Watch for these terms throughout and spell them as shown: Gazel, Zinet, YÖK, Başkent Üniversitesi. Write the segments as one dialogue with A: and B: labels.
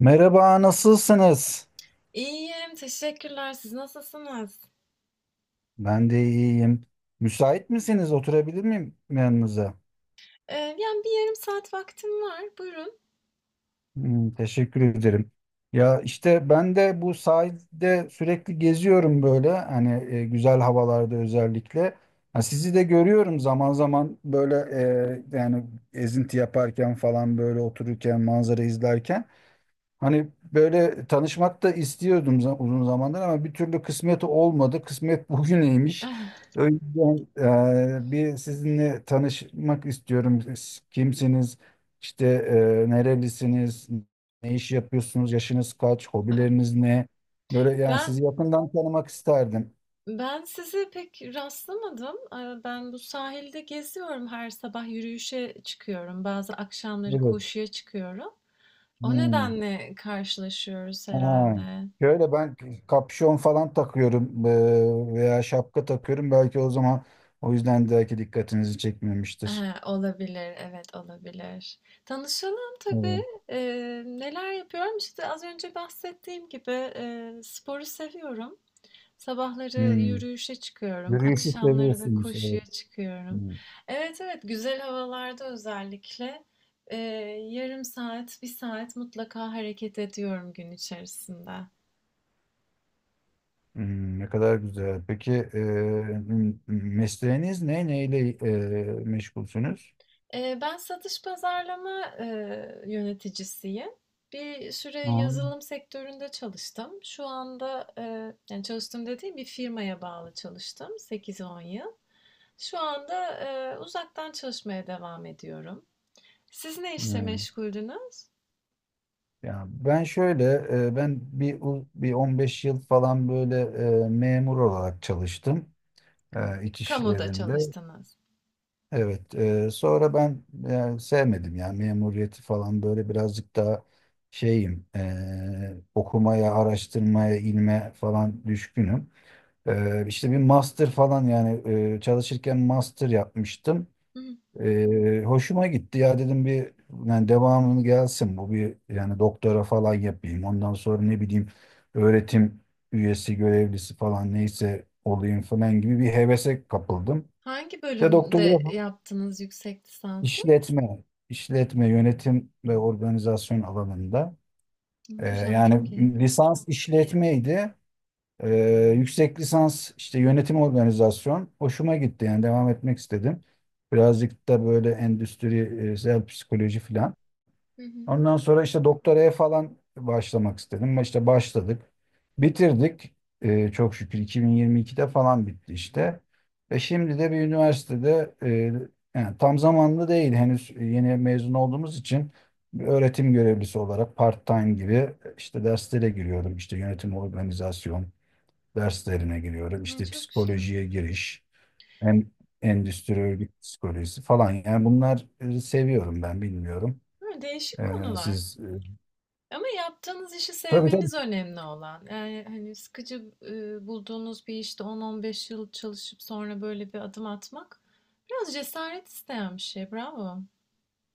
A: Merhaba, nasılsınız?
B: İyiyim, teşekkürler. Siz nasılsınız?
A: Ben de iyiyim. Müsait misiniz? Oturabilir miyim yanınıza?
B: Yani bir yarım saat vaktim var. Buyurun.
A: Teşekkür ederim. Ya işte ben de bu sahilde sürekli geziyorum böyle hani güzel havalarda özellikle. Ha, sizi de görüyorum zaman zaman böyle yani ezinti yaparken falan böyle otururken manzara izlerken. Hani böyle tanışmak da istiyordum uzun zamandır ama bir türlü kısmet olmadı. Kısmet bugüneymiş. O yüzden bir sizinle tanışmak istiyorum. Siz kimsiniz? İşte nerelisiniz? Ne iş yapıyorsunuz? Yaşınız kaç? Hobileriniz ne? Böyle yani
B: Ben
A: sizi yakından tanımak isterdim.
B: ben sizi pek rastlamadım. Ben bu sahilde geziyorum. Her sabah yürüyüşe çıkıyorum. Bazı akşamları
A: Evet.
B: koşuya çıkıyorum. O
A: Hmm.
B: nedenle karşılaşıyoruz
A: Ha.
B: herhalde.
A: Şöyle ben kapşon falan takıyorum veya şapka takıyorum. Belki o zaman o yüzden belki dikkatinizi çekmemiştir.
B: Olabilir, evet olabilir. Tanışalım tabii.
A: Evet.
B: Neler yapıyorum? İşte az önce bahsettiğim gibi sporu seviyorum. Sabahları
A: Hmm.
B: yürüyüşe çıkıyorum,
A: Yürüyüşü
B: akşamları da
A: seviyorsunuz. Evet.
B: koşuya çıkıyorum.
A: Hmm.
B: Evet, evet, güzel havalarda özellikle e, yarım saat, bir saat mutlaka hareket ediyorum gün içerisinde.
A: Ne kadar güzel. Peki mesleğiniz ne? Neyle meşgulsünüz?
B: Ben satış pazarlama yöneticisiyim. Bir süre
A: Ha.
B: yazılım sektöründe çalıştım. Şu anda yani çalıştım dediğim bir firmaya bağlı çalıştım 8-10 yıl. Şu anda uzaktan çalışmaya devam ediyorum. Siz ne işle
A: Hmm.
B: meşguldünüz?
A: Ya ben şöyle ben bir 15 yıl falan böyle memur olarak çalıştım iç
B: Kamuda
A: işlerinde.
B: çalıştınız.
A: Evet, sonra ben sevmedim ya memuriyeti falan böyle birazcık daha şeyim okumaya, araştırmaya, ilme falan düşkünüm. İşte bir master falan yani çalışırken master yapmıştım.
B: Hı hı.
A: Hoşuma gitti ya dedim bir yani devamını gelsin bu bir yani doktora falan yapayım. Ondan sonra ne bileyim öğretim üyesi, görevlisi falan neyse olayım falan gibi bir hevese kapıldım.
B: Hangi
A: İşte
B: bölümde
A: doktora,
B: yaptınız yüksek lisansı? Hı.
A: İşletme, işletme, yönetim ve organizasyon alanında.
B: Güzel,
A: Yani
B: çok iyi.
A: lisans işletmeydi. Yüksek lisans işte yönetim organizasyon. Hoşuma gitti yani devam etmek istedim. Birazcık da böyle endüstriyel psikoloji falan.
B: Hı hı.
A: Ondan sonra işte doktoraya falan başlamak istedim. İşte başladık. Bitirdik. Çok şükür 2022'de falan bitti işte. Ve şimdi de bir üniversitede yani tam zamanlı değil henüz yeni mezun olduğumuz için bir öğretim görevlisi olarak part-time gibi işte derslere giriyorum. İşte yönetim organizasyon derslerine giriyorum.
B: Ay,
A: İşte
B: çok güzel.
A: psikolojiye giriş, hem endüstri örgüt psikolojisi falan. Yani bunlar seviyorum ben bilmiyorum.
B: Hı, değişik
A: Ee,
B: konular.
A: siz e,
B: Ama yaptığınız işi
A: Tabii tabii.
B: sevmeniz önemli olan. Yani hani sıkıcı bulduğunuz bir işte 10-15 yıl çalışıp sonra böyle bir adım atmak biraz cesaret isteyen bir şey. Bravo.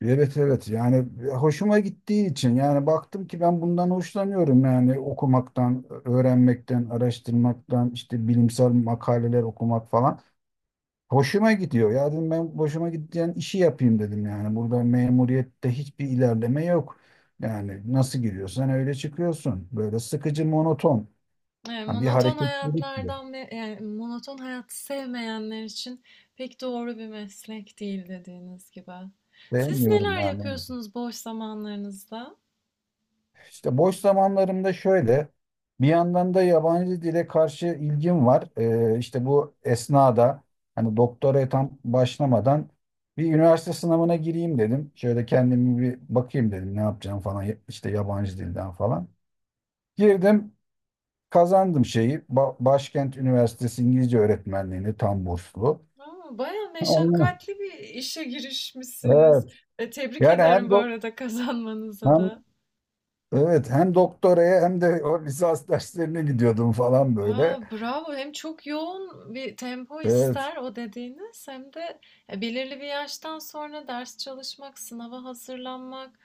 A: Evet evet yani hoşuma gittiği için yani baktım ki ben bundan hoşlanıyorum yani okumaktan, öğrenmekten, araştırmaktan, işte bilimsel makaleler okumak falan. Hoşuma gidiyor. Ya dedim ben hoşuma giden işi yapayım dedim yani. Burada memuriyette hiçbir ilerleme yok. Yani nasıl giriyorsan öyle çıkıyorsun. Böyle sıkıcı, monoton.
B: Evet,
A: Yani bir
B: monoton
A: hareketlilik yok.
B: hayatlardan yani monoton hayatı sevmeyenler için pek doğru bir meslek değil dediğiniz gibi. Siz
A: Sevmiyorum
B: neler
A: yani onu.
B: yapıyorsunuz boş zamanlarınızda?
A: İşte boş zamanlarımda şöyle, bir yandan da yabancı dile karşı ilgim var. İşte bu esnada hani doktoraya tam başlamadan bir üniversite sınavına gireyim dedim. Şöyle kendimi bir bakayım dedim ne yapacağım falan işte yabancı dilden falan. Girdim kazandım şeyi Başkent Üniversitesi İngilizce öğretmenliğini tam burslu.
B: Aa, bayağı
A: Ondan-
B: meşakkatli bir işe girişmişsiniz.
A: Evet.
B: Tebrik
A: Yani
B: ederim bu arada, kazanmanıza
A: hem
B: da.
A: evet hem doktoraya hem de o lisans derslerine gidiyordum falan
B: Aa,
A: böyle.
B: bravo. Hem çok yoğun bir tempo
A: Evet.
B: ister o dediğiniz, hem de belirli bir yaştan sonra ders çalışmak, sınava hazırlanmak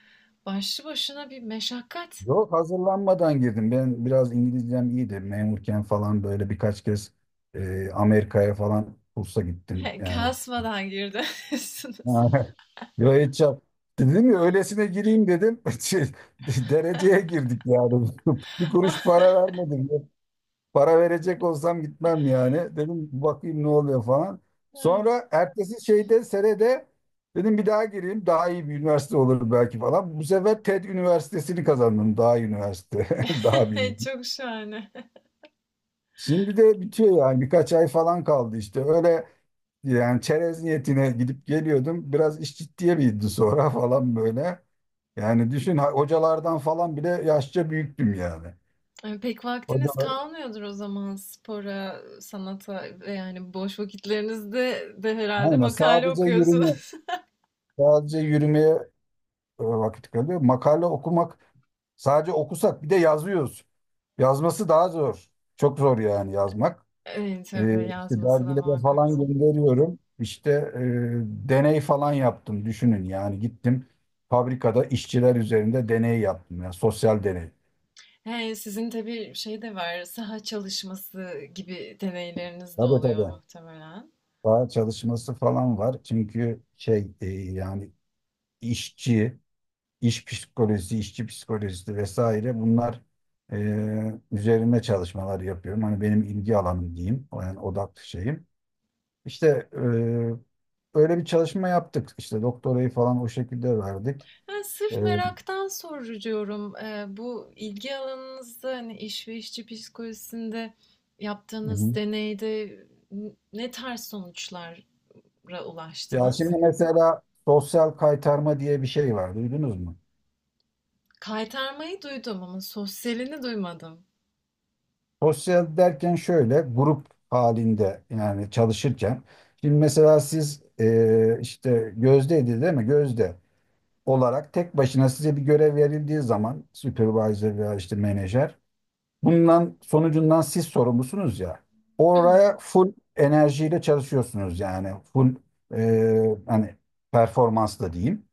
B: başlı başına bir meşakkat.
A: Yok hazırlanmadan girdim. Ben biraz İngilizcem iyiydi. Memurken falan böyle birkaç kez Amerika'ya falan kursa gittim.
B: He,
A: Yani
B: kasmadan girdiniz.
A: Yo, hiç yap. Dedim ya öylesine gireyim dedim. Dereceye girdik yani. Bir kuruş para vermedim. Para verecek olsam gitmem yani. Dedim bakayım ne oluyor falan. Sonra ertesi şeyde senede dedim bir daha gireyim. Daha iyi bir üniversite olur belki falan. Bu sefer TED Üniversitesi'ni kazandım. Daha iyi üniversite. Daha bir iyi.
B: Çok şahane.
A: Şimdi de bitiyor yani. Birkaç ay falan kaldı işte. Öyle yani çerez niyetine gidip geliyordum. Biraz iş ciddiye bindi sonra falan böyle. Yani düşün hocalardan falan bile yaşça büyüktüm yani.
B: Pek vaktiniz
A: Hocalar,
B: kalmıyordur o zaman spora, sanata ve yani boş vakitlerinizde de herhalde
A: aynen
B: makale okuyorsunuz.
A: sadece yürümeye vakit kalıyor. Makale okumak sadece okusak bir de yazıyoruz. Yazması daha zor. Çok zor yani yazmak.
B: Tabii
A: İşte
B: yazması da
A: dergilere
B: muhakkak
A: falan
B: zor.
A: gönderiyorum. İşte deney falan yaptım. Düşünün yani gittim fabrikada işçiler üzerinde deney yaptım. Yani sosyal deney.
B: He, sizin tabii şey de var, saha çalışması gibi deneyleriniz de
A: Tabii
B: oluyor
A: tabii.
B: muhtemelen.
A: Daha çalışması falan var. Çünkü yani işçi iş psikolojisi, işçi psikolojisi vesaire bunlar üzerine çalışmalar yapıyorum. Hani benim ilgi alanım diyeyim, o yani odak şeyim. İşte e, öyle bir çalışma yaptık. İşte doktorayı falan o şekilde verdik.
B: Ben sırf
A: Hı
B: meraktan soruyorum. Bu ilgi alanınızda hani iş ve işçi psikolojisinde yaptığınız
A: hı.
B: deneyde ne tarz sonuçlara
A: Ya
B: ulaştınız?
A: şimdi mesela sosyal kaytarma diye bir şey var, duydunuz mu?
B: Kaytarmayı duydum ama sosyalini duymadım.
A: Sosyal derken şöyle, grup halinde yani çalışırken. Şimdi mesela siz işte Gözde'ydi değil mi? Gözde. Olarak tek başına size bir görev verildiği zaman supervisor veya işte menajer bundan sonucundan siz sorumlusunuz ya
B: Hı,
A: oraya full enerjiyle çalışıyorsunuz yani full hani performansla diyeyim.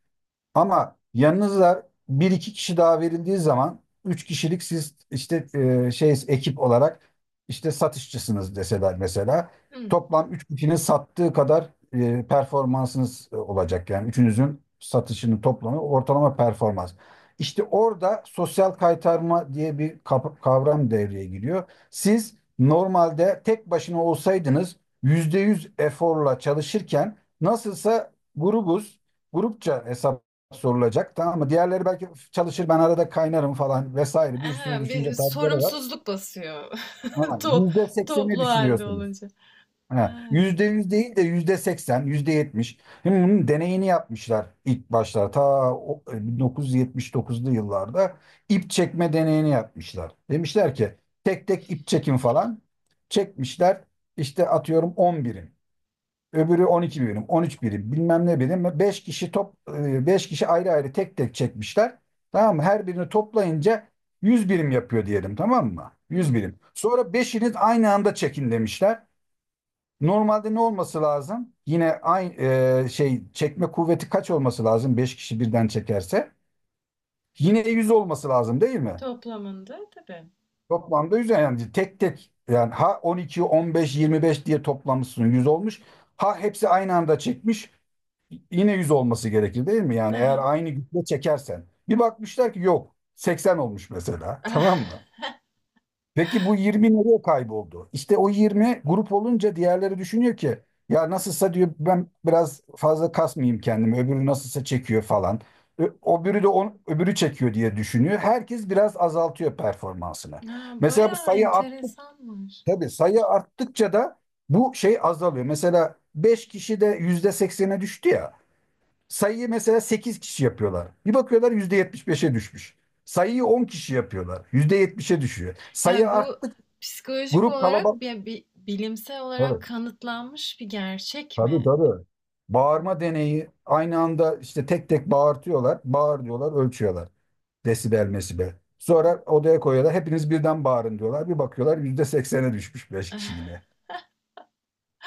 A: Ama yanınıza bir iki kişi daha verildiği zaman üç kişilik siz işte ekip olarak işte satışçısınız deseler mesela
B: hı.
A: toplam üç kişinin sattığı kadar performansınız olacak yani üçünüzün satışının toplamı ortalama performans. İşte orada sosyal kaytarma diye bir kavram devreye giriyor. Siz normalde tek başına olsaydınız %100 eforla çalışırken nasılsa grubuz, grupça hesap sorulacak tamam mı? Diğerleri belki çalışır ben arada kaynarım falan vesaire bir sürü
B: Aha, bir
A: düşünce tarzları var.
B: sorumsuzluk basıyor.
A: Ama
B: To-
A: %80'i
B: toplu halde
A: düşünüyorsunuz.
B: olunca. Ha,
A: Ha, %100 değil de %80, yüzde yetmiş. Şimdi bunun deneyini yapmışlar ilk başlar. Ta 1979'lu yıllarda ip çekme deneyini yapmışlar. Demişler ki tek tek ip çekin falan. Çekmişler işte atıyorum 10 birim. Öbürü 12 birim, 13 birim, bilmem ne birim. Beş kişi ayrı ayrı tek tek çekmişler. Tamam mı? Her birini toplayınca 100 birim yapıyor diyelim tamam mı? 100
B: hı.
A: birim. Sonra beşiniz aynı anda çekin demişler. Normalde ne olması lazım? Yine aynı çekme kuvveti kaç olması lazım? 5 kişi birden çekerse. Yine 100 olması lazım değil mi?
B: Toplamında tabii.
A: Toplamda 100 yani tek tek yani ha 12, 15, 25 diye toplamışsın 100 olmuş. Ha hepsi aynı anda çekmiş. Yine 100 olması gerekir değil mi? Yani eğer
B: Aha.
A: aynı güçle çekersen. Bir bakmışlar ki yok 80 olmuş mesela tamam mı? Peki bu 20 nereye kayboldu? İşte o 20 grup olunca diğerleri düşünüyor ki ya nasılsa diyor ben biraz fazla kasmayayım kendimi öbürü nasılsa çekiyor falan. Öbürü de on, öbürü çekiyor diye düşünüyor. Herkes biraz azaltıyor performansını.
B: Ah,
A: Mesela bu
B: bayağı
A: sayı arttık
B: enteresanmış.
A: tabii sayı arttıkça da bu şey azalıyor. Mesela 5 kişi de %80'e düştü ya. Sayıyı mesela 8 kişi yapıyorlar. Bir bakıyorlar %75'e düşmüş. Sayıyı 10 kişi yapıyorlar. %70'e düşüyor. Sayı
B: Yani bu
A: arttık
B: psikolojik
A: grup
B: olarak
A: kalabalık.
B: bilimsel olarak
A: Tabii,
B: kanıtlanmış bir gerçek
A: tabii
B: mi?
A: tabii.
B: Bu-
A: Bağırma deneyi aynı anda işte tek tek bağırtıyorlar. Bağır diyorlar ölçüyorlar. Desibel mesibel. Sonra odaya koyuyorlar. Hepiniz birden bağırın diyorlar. Bir bakıyorlar %80'e düşmüş 5 kişi yine.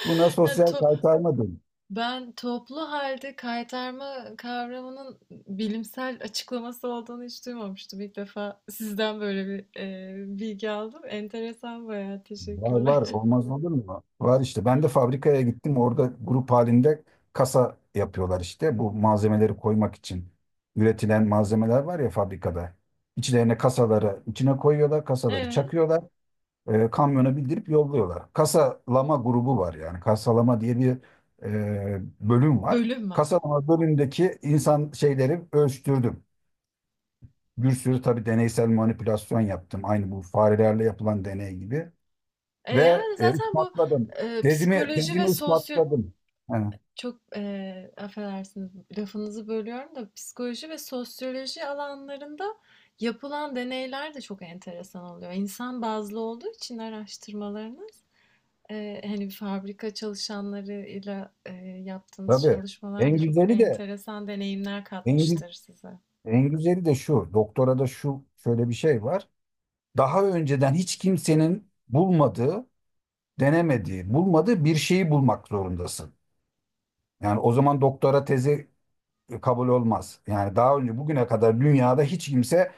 A: Buna
B: Yani
A: sosyal kaytarma deniyor.
B: ben toplu halde kaytarma kavramının bilimsel açıklaması olduğunu hiç duymamıştım. İlk defa sizden böyle bir bilgi aldım. Enteresan, bayağı
A: Var
B: teşekkürler.
A: var olmaz olur mu? Var işte ben de fabrikaya gittim orada grup halinde kasa yapıyorlar işte bu malzemeleri koymak için üretilen malzemeler var ya fabrikada. İçlerine kasaları içine koyuyorlar kasaları
B: Evet,
A: çakıyorlar kamyona bildirip yolluyorlar. Kasalama grubu var yani kasalama diye bir bölüm var.
B: bölüm var.
A: Kasalama bölümündeki insan şeyleri ölçtürdüm. Bir sürü tabii deneysel manipülasyon yaptım. Aynı bu farelerle yapılan deney gibi. Ve
B: Yani zaten bu
A: ispatladım. Tezimi,
B: psikoloji ve
A: tezimi
B: sosyo.
A: ispatladım. Ha,
B: Çok, affedersiniz, lafınızı bölüyorum da psikoloji ve sosyoloji alanlarında yapılan deneyler de çok enteresan oluyor. İnsan bazlı olduğu için araştırmalarınız, hani, fabrika çalışanlarıyla, yaptığınız
A: tabii.
B: çalışmalar
A: En
B: da çok
A: güzeli de
B: enteresan deneyimler
A: en, gü-
B: katmıştır size.
A: şu. Doktorada şu şöyle bir şey var. Daha önceden hiç kimsenin bulmadığı, denemediği, bulmadığı bir şeyi bulmak zorundasın. Yani o zaman doktora tezi kabul olmaz. Yani daha önce bugüne kadar dünyada hiç kimse,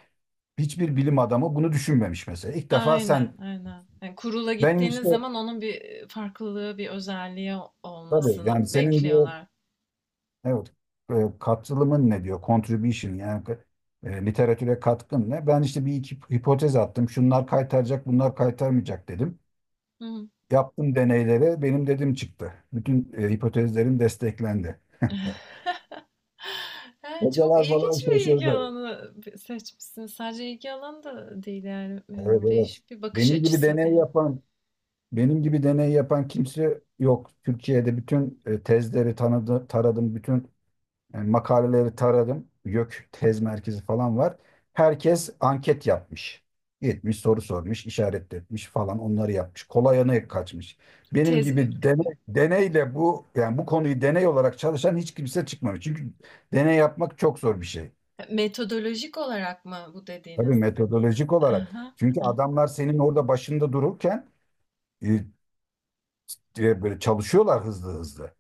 A: hiçbir bilim adamı bunu düşünmemiş mesela. İlk defa sen
B: Aynen, aynen. Yani kurula
A: benim
B: gittiğiniz
A: işte
B: zaman onun bir farklılığı, bir özelliği
A: tabii
B: olmasını
A: yani senin diyor.
B: bekliyorlar.
A: Evet. E, Katılımın ne diyor? Contribution yani literatüre katkın ne? Ben işte bir iki hipotez attım. Şunlar kaytaracak, bunlar kaytarmayacak dedim.
B: Hı hı.
A: Yaptım deneylere benim dedim çıktı. Bütün hipotezlerim desteklendi.
B: He, çok
A: Hocalar falan
B: ilginç bir ilgi
A: şaşırdı.
B: alanı seçmişsin. Sadece ilgi alanı da değil yani,
A: Evet evet.
B: değişik bir bakış
A: Benim gibi
B: açısı
A: deney
B: diyelim.
A: yapan benim gibi deney yapan kimse yok. Türkiye'de bütün tezleri tanıdı, taradım, bütün Yani makaleleri taradım. YÖK tez merkezi falan var. Herkes anket yapmış. Gitmiş soru sormuş, işaret etmiş falan onları yapmış. Kolay yana kaçmış. Benim
B: Tez
A: gibi deneyle bu yani bu konuyu deney olarak çalışan hiç kimse çıkmamış. Çünkü deney yapmak çok zor bir şey.
B: metodolojik olarak mı bu
A: Tabii
B: dediğiniz?
A: metodolojik olarak.
B: Aha,
A: Çünkü adamlar senin orada başında dururken e, böyle çalışıyorlar hızlı hızlı.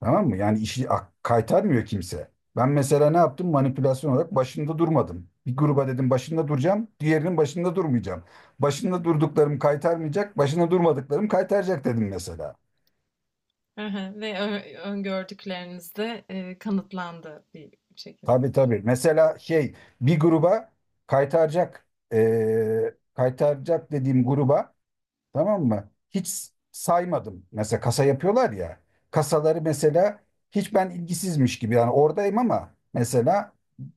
A: Tamam mı? Yani işi kaytarmıyor kimse. Ben mesela ne yaptım? Manipülasyon olarak başında durmadım. Bir gruba dedim başında duracağım, diğerinin başında durmayacağım. Başında durduklarım kaytarmayacak, başında durmadıklarım kaytaracak dedim mesela.
B: aha. Ve öngördükleriniz de kanıtlandı bir şekilde.
A: Tabii tabii. Mesela şey bir gruba kaytaracak, kaytaracak dediğim gruba. Tamam mı? Hiç saymadım. Mesela kasa yapıyorlar ya. Kasaları mesela hiç ben ilgisizmiş gibi yani oradayım ama mesela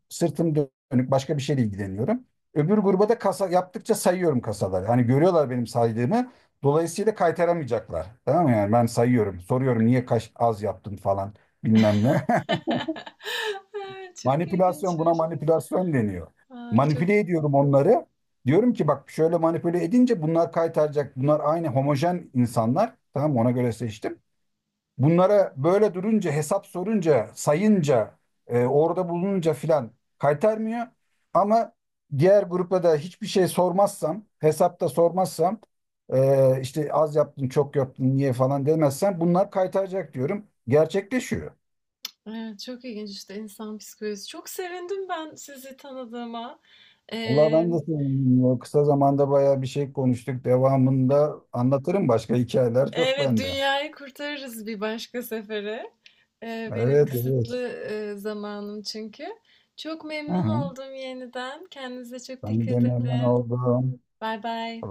A: sırtım dönük başka bir şeyle ilgileniyorum. Öbür gruba da kasa yaptıkça sayıyorum kasaları. Hani görüyorlar benim saydığımı. Dolayısıyla kaytaramayacaklar. Tamam mı? Yani ben sayıyorum. Soruyorum niye kaç az yaptın falan bilmem ne.
B: Ay, çok
A: Manipülasyon buna
B: ilginçmiş.
A: manipülasyon deniyor.
B: Ay, çok,
A: Manipüle ediyorum onları. Diyorum ki bak şöyle manipüle edince bunlar kaytaracak. Bunlar aynı homojen insanlar. Tamam mı? Ona göre seçtim. Bunlara böyle durunca hesap sorunca sayınca orada bulununca filan kaytarmıyor. Ama diğer grupla da hiçbir şey sormazsam hesapta sormazsam işte az yaptın çok yaptın niye falan demezsem bunlar kaytaracak diyorum. Gerçekleşiyor.
B: evet, çok ilginç işte insan psikolojisi. Çok sevindim ben sizi tanıdığıma.
A: Vallahi ben de sevindim ya. Kısa zamanda bayağı bir şey konuştuk. Devamında anlatırım başka hikayeler çok
B: Evet,
A: bende.
B: dünyayı kurtarırız bir başka sefere. Benim
A: Evet evet.
B: kısıtlı zamanım çünkü. Çok
A: Hı
B: memnun
A: hı.
B: oldum yeniden. Kendinize çok
A: Ben de
B: dikkat
A: memnun
B: edin.
A: oldum.
B: Bay bay.